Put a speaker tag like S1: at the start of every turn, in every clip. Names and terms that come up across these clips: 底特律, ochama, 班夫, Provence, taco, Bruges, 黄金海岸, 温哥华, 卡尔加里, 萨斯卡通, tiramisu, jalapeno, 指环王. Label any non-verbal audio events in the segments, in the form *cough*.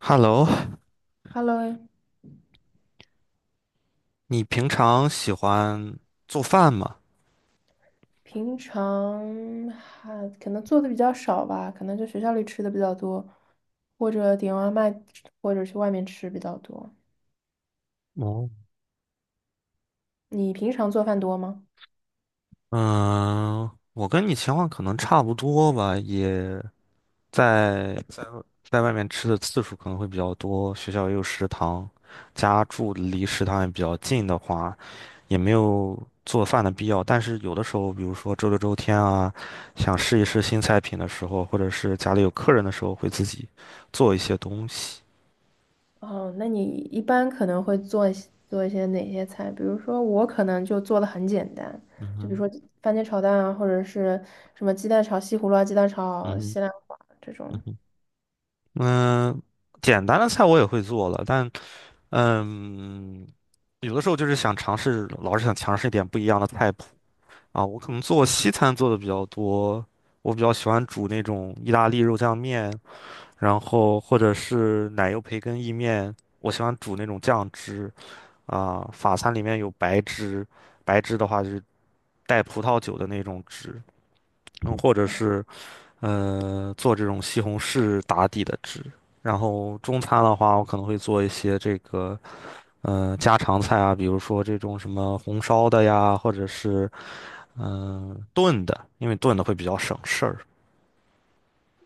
S1: Hello，
S2: Hello，
S1: 你平常喜欢做饭吗？
S2: 平常可能做的比较少吧，可能就学校里吃的比较多，或者点外卖，或者去外面吃比较多。
S1: 哦，
S2: 你平常做饭多吗？
S1: 嗯，我跟你情况可能差不多吧，也在在在外面吃的次数可能会比较多，学校也有食堂，家住离食堂也比较近的话，也没有做饭的必要。但是有的时候，比如说周六周天啊，想试一试新菜品的时候，或者是家里有客人的时候，会自己做一些东西。
S2: 哦，那你一般可能会做一些哪些菜？比如说我可能就做的很简单，就比如说番茄炒蛋啊，或者是什么鸡蛋炒西葫芦啊、鸡蛋
S1: 嗯
S2: 炒
S1: 哼，
S2: 西兰花这种。
S1: 嗯哼。嗯，简单的菜我也会做了，但嗯，有的时候就是想尝试，老是想尝试一点不一样的菜谱啊。我可能做西餐做的比较多，我比较喜欢煮那种意大利肉酱面，然后或者是奶油培根意面，我喜欢煮那种酱汁啊。法餐里面有白汁，白汁的话就是带葡萄酒的那种汁，或者是。做这种西红柿打底的汁。然后中餐的话，我可能会做一些这个家常菜啊，比如说这种什么红烧的呀，或者是炖的，因为炖的会比较省事儿。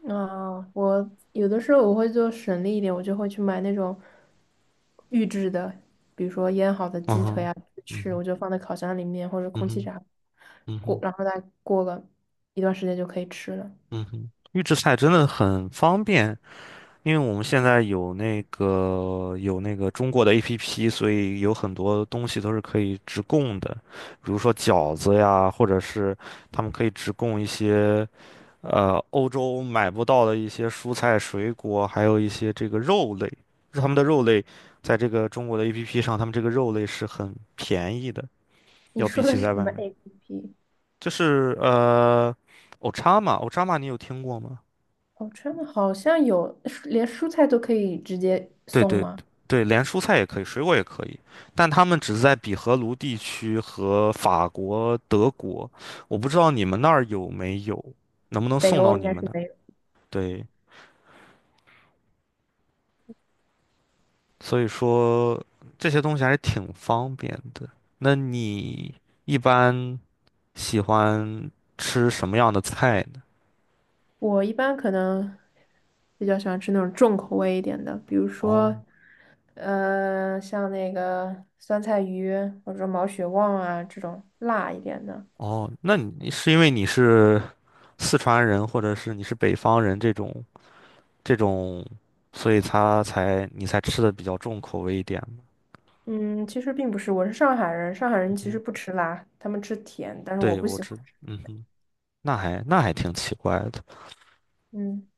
S2: 我有的时候我会做省力一点，我就会去买那种预制的，比如说腌好的
S1: 嗯
S2: 鸡腿
S1: 哼，
S2: 啊，
S1: 嗯
S2: 吃，
S1: 哼，
S2: 我就放在烤箱里面或者
S1: 嗯
S2: 空气
S1: 哼，
S2: 炸
S1: 嗯
S2: 锅，
S1: 哼，
S2: 过然后再过个一段时间就可以吃了。
S1: 嗯哼，预制菜真的很方便。因为我们现在有那个中国的 APP，所以有很多东西都是可以直供的，比如说饺子呀，或者是他们可以直供一些欧洲买不到的一些蔬菜、水果，还有一些这个肉类。他们的肉类在这个中国的 APP 上，他们这个肉类是很便宜的，
S2: 你
S1: 要
S2: 说
S1: 比
S2: 的
S1: 起在
S2: 是什
S1: 外
S2: 么
S1: 面。
S2: APP？
S1: 就是o c h a m a o c a m a 你有听过吗？
S2: 哦，好的好像有，连蔬菜都可以直接
S1: 对
S2: 送
S1: 对
S2: 吗？
S1: 对，连蔬菜也可以，水果也可以，但他们只是在比荷卢地区和法国、德国，我不知道你们那儿有没有，能不能
S2: 北
S1: 送
S2: 欧
S1: 到
S2: 应
S1: 你
S2: 该
S1: 们
S2: 是
S1: 那儿？
S2: 没有。
S1: 对，所以说这些东西还是挺方便的。那你一般喜欢吃什么样的菜呢？
S2: 我一般可能比较喜欢吃那种重口味一点的，比如说，
S1: 哦
S2: 像那个酸菜鱼或者说毛血旺啊这种辣一点的。
S1: 哦，那你是因为你是四川人，或者是你是北方人这种这种，所以你才吃的比较重口味一点嘛。
S2: 嗯，其实并不是，我是上海人，上海人其实
S1: 嗯，
S2: 不吃辣，他们吃甜，但是我
S1: 对，
S2: 不喜欢吃。
S1: 嗯哼，那还挺奇怪的。
S2: 嗯，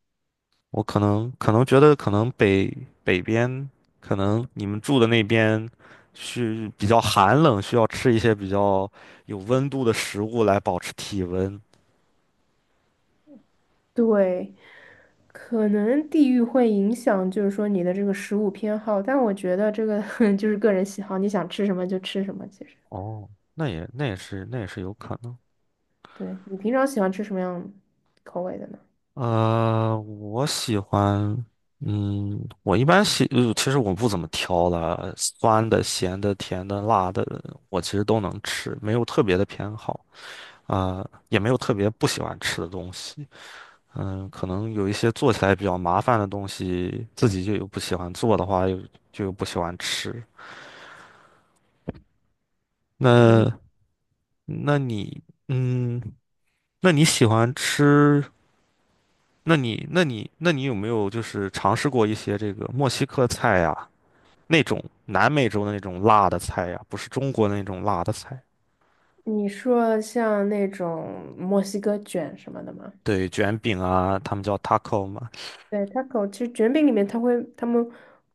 S1: 我可能觉得可能北边，可能你们住的那边是比较寒冷，需要吃一些比较有温度的食物来保持体温。
S2: 对，可能地域会影响，就是说你的这个食物偏好，但我觉得这个 *laughs* 就是个人喜好，你想吃什么就吃什么，其实。
S1: 哦，那也是有可能。
S2: 对，你平常喜欢吃什么样口味的呢？
S1: 我喜欢，我一般喜，其实我不怎么挑了，酸的、咸的、甜的、辣的，我其实都能吃，没有特别的偏好啊，也没有特别不喜欢吃的东西。嗯，可能有一些做起来比较麻烦的东西，自己就有不喜欢做的话，又就有不喜欢吃。
S2: 嗯。
S1: 那，那你，嗯，那你喜欢吃？那你有没有就是尝试过一些这个墨西哥菜呀？那种南美洲的那种辣的菜呀、不是中国的那种辣的菜。
S2: 你说像那种墨西哥卷什么的吗？
S1: 对，卷饼啊，他们叫 taco 嘛。
S2: 对，taco 其实卷饼里面他们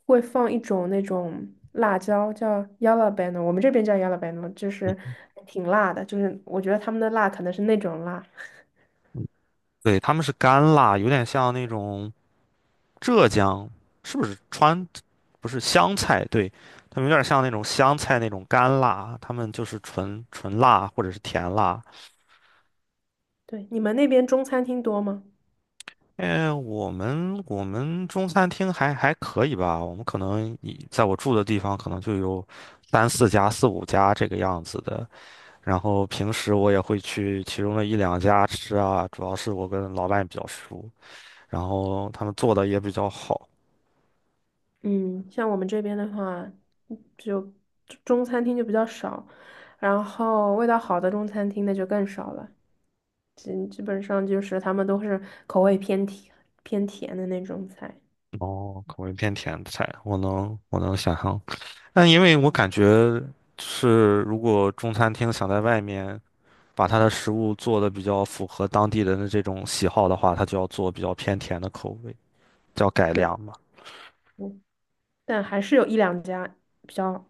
S2: 会放一种那种辣椒叫 jalapeno，我们这边叫 jalapeno，就是
S1: 嗯
S2: 挺辣的，就是我觉得他们的辣可能是那种辣。
S1: 嗯对，他们是干辣，有点像那种浙江，是不是川？不是湘菜，对，他们有点像那种湘菜那种干辣，他们就是纯纯辣或者是甜辣。
S2: 对，你们那边中餐厅多吗？
S1: 哎，我们中餐厅还可以吧，我们可能以在我住的地方可能就有三四家、四五家这个样子的。然后平时我也会去其中的一两家吃啊，主要是我跟老板比较熟，然后他们做的也比较好，
S2: 嗯，像我们这边的话，就中餐厅就比较少，然后味道好的中餐厅那就更少了，基本上就是他们都是口味偏甜的那种菜。
S1: 哦，口味偏甜的菜，我能想象。但因为我感觉是，如果中餐厅想在外面把它的食物做的比较符合当地人的这种喜好的话，它就要做比较偏甜的口味，叫改
S2: 对，
S1: 良嘛。
S2: 嗯，但还是有一两家比较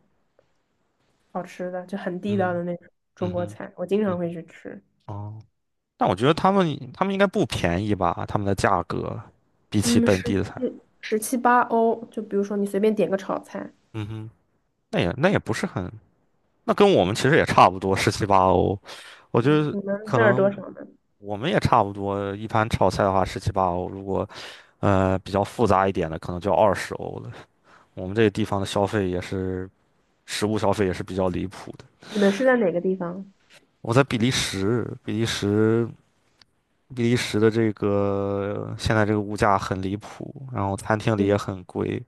S2: 好吃的，就很地道
S1: 嗯
S2: 的那种中
S1: 嗯
S2: 国
S1: 哼
S2: 菜，我经常
S1: 嗯
S2: 会去吃。
S1: 哼哦，但我觉得他们应该不便宜吧，他们的价格比起
S2: 嗯，
S1: 本地的菜。
S2: 十七八欧，就比如说你随便点个炒菜，
S1: 嗯哼，那也不是很，那跟我们其实也差不多，十七八欧。我觉
S2: 嗯，
S1: 得
S2: 你们
S1: 可
S2: 那儿多
S1: 能
S2: 少呢？
S1: 我们也差不多，一盘炒菜的话十七八欧，如果比较复杂一点的，可能就二十欧了。我们这个地方的消费也是，食物消费也是比较离谱的。
S2: 你们是在哪个地方？
S1: 我在比利时，比利时的这个现在这个物价很离谱，然后餐厅里也
S2: 对，
S1: 很贵。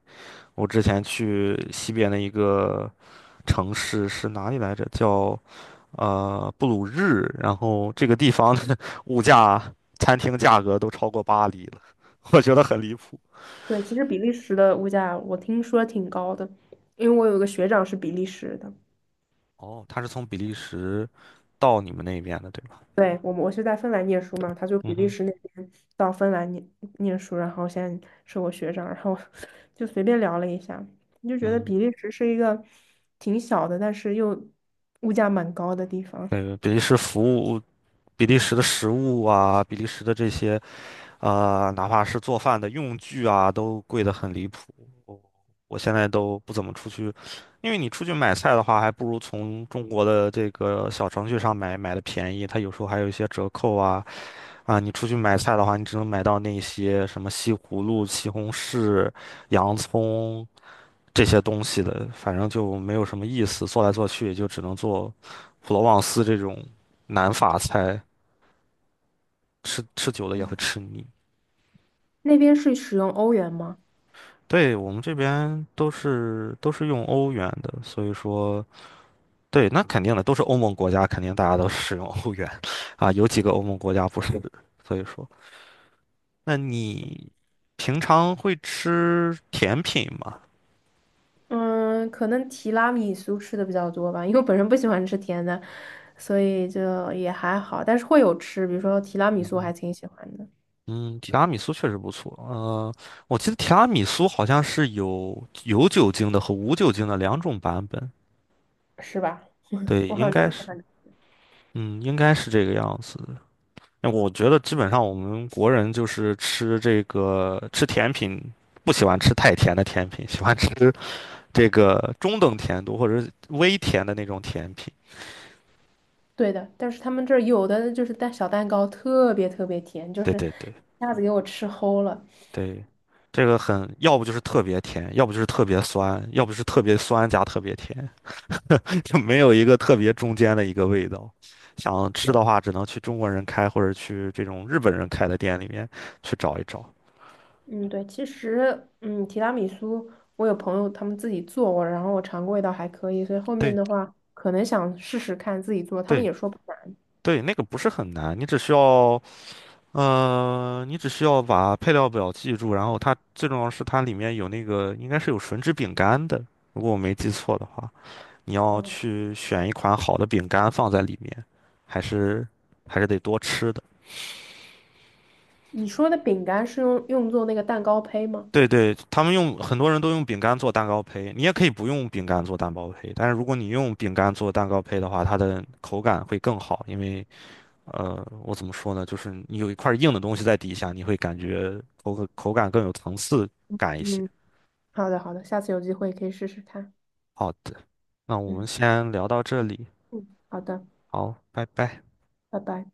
S1: 我之前去西边的一个城市是哪里来着？叫布鲁日，然后这个地方的 *laughs* 物价、餐厅价格都超过巴黎了，*laughs* 我觉得很离谱。
S2: 对，其实比利时的物价我听说挺高的，因为我有个学长是比利时的。
S1: 哦，他是从比利时到你们那边的，对吧？
S2: 对，我是在芬兰念书嘛，他就比
S1: 嗯
S2: 利
S1: 哼，
S2: 时那边到芬兰念书，然后现在是我学长，然后 *laughs* 就随便聊了一下，你就觉得
S1: 嗯，
S2: 比利时是一个挺小的，但是又物价蛮高的地方。
S1: 呃，比利时服务，比利时的食物啊，比利时的这些，哪怕是做饭的用具啊，都贵得很离谱。我我现在都不怎么出去，因为你出去买菜的话，还不如从中国的这个小程序上买的便宜，它有时候还有一些折扣啊，你出去买菜的话，你只能买到那些什么西葫芦、西红柿、洋葱这些东西的，反正就没有什么意思。做来做去也就只能做普罗旺斯这种南法菜，吃吃久了也会吃腻。
S2: 那边是使用欧元吗？
S1: 对，我们这边都是用欧元的，所以说对，那肯定的，都是欧盟国家，肯定大家都使用欧元啊，有几个欧盟国家不是，所以说，那你平常会吃甜品吗？
S2: 嗯，可能提拉米苏吃的比较多吧，因为我本身不喜欢吃甜的，所以就也还好，但是会有吃，比如说提拉米苏我还挺喜欢的。
S1: 嗯，提拉米苏确实不错。我记得提拉米苏好像是有酒精的和无酒精的两种版本。
S2: 是吧？
S1: 对，
S2: 我好
S1: 应
S2: 像
S1: 该
S2: 都喜
S1: 是，
S2: 欢
S1: 嗯，应该是这个样子的。那我觉得基本上我们国人就是吃这个吃甜品，不喜欢吃太甜的甜品，喜欢吃这个中等甜度或者是微甜的那种甜品。
S2: 对的，但是他们这儿有的就是蛋小蛋糕特别特别甜，就
S1: 对
S2: 是一
S1: 对对
S2: 下子给我吃齁了。
S1: 对，这个很，要不就是特别甜，要不就是特别酸，要不是特别酸加特别甜。就没有一个特别中间的一个味道。想吃
S2: 对，
S1: 的话，只能去中国人开或者去这种日本人开的店里面去找一找。
S2: 嗯，对，其实提拉米苏我有朋友他们自己做过，然后我尝过，味道还可以，所以后面
S1: 对
S2: 的话可能想试试看自己做，他们
S1: 对
S2: 也说不难。
S1: 对，那个不是很难，你只需要把配料表记住，然后它最重要是它里面有那个应该是有吮指饼干的，如果我没记错的话，你要
S2: 嗯，
S1: 去选一款好的饼干放在里面，还是还是得多吃的。
S2: 你说的饼干是用做那个蛋糕胚吗？
S1: 对对，他们用很多人都用饼干做蛋糕胚，你也可以不用饼干做蛋糕胚，但是如果你用饼干做蛋糕胚的话，它的口感会更好，因为我怎么说呢，就是你有一块硬的东西在底下，你会感觉口感更有层次感一些。
S2: 嗯，好的好的，下次有机会可以试试看。
S1: 好的，那我们
S2: 嗯，
S1: 先聊到这里，
S2: 嗯，好的，
S1: 好，拜拜。
S2: 拜拜。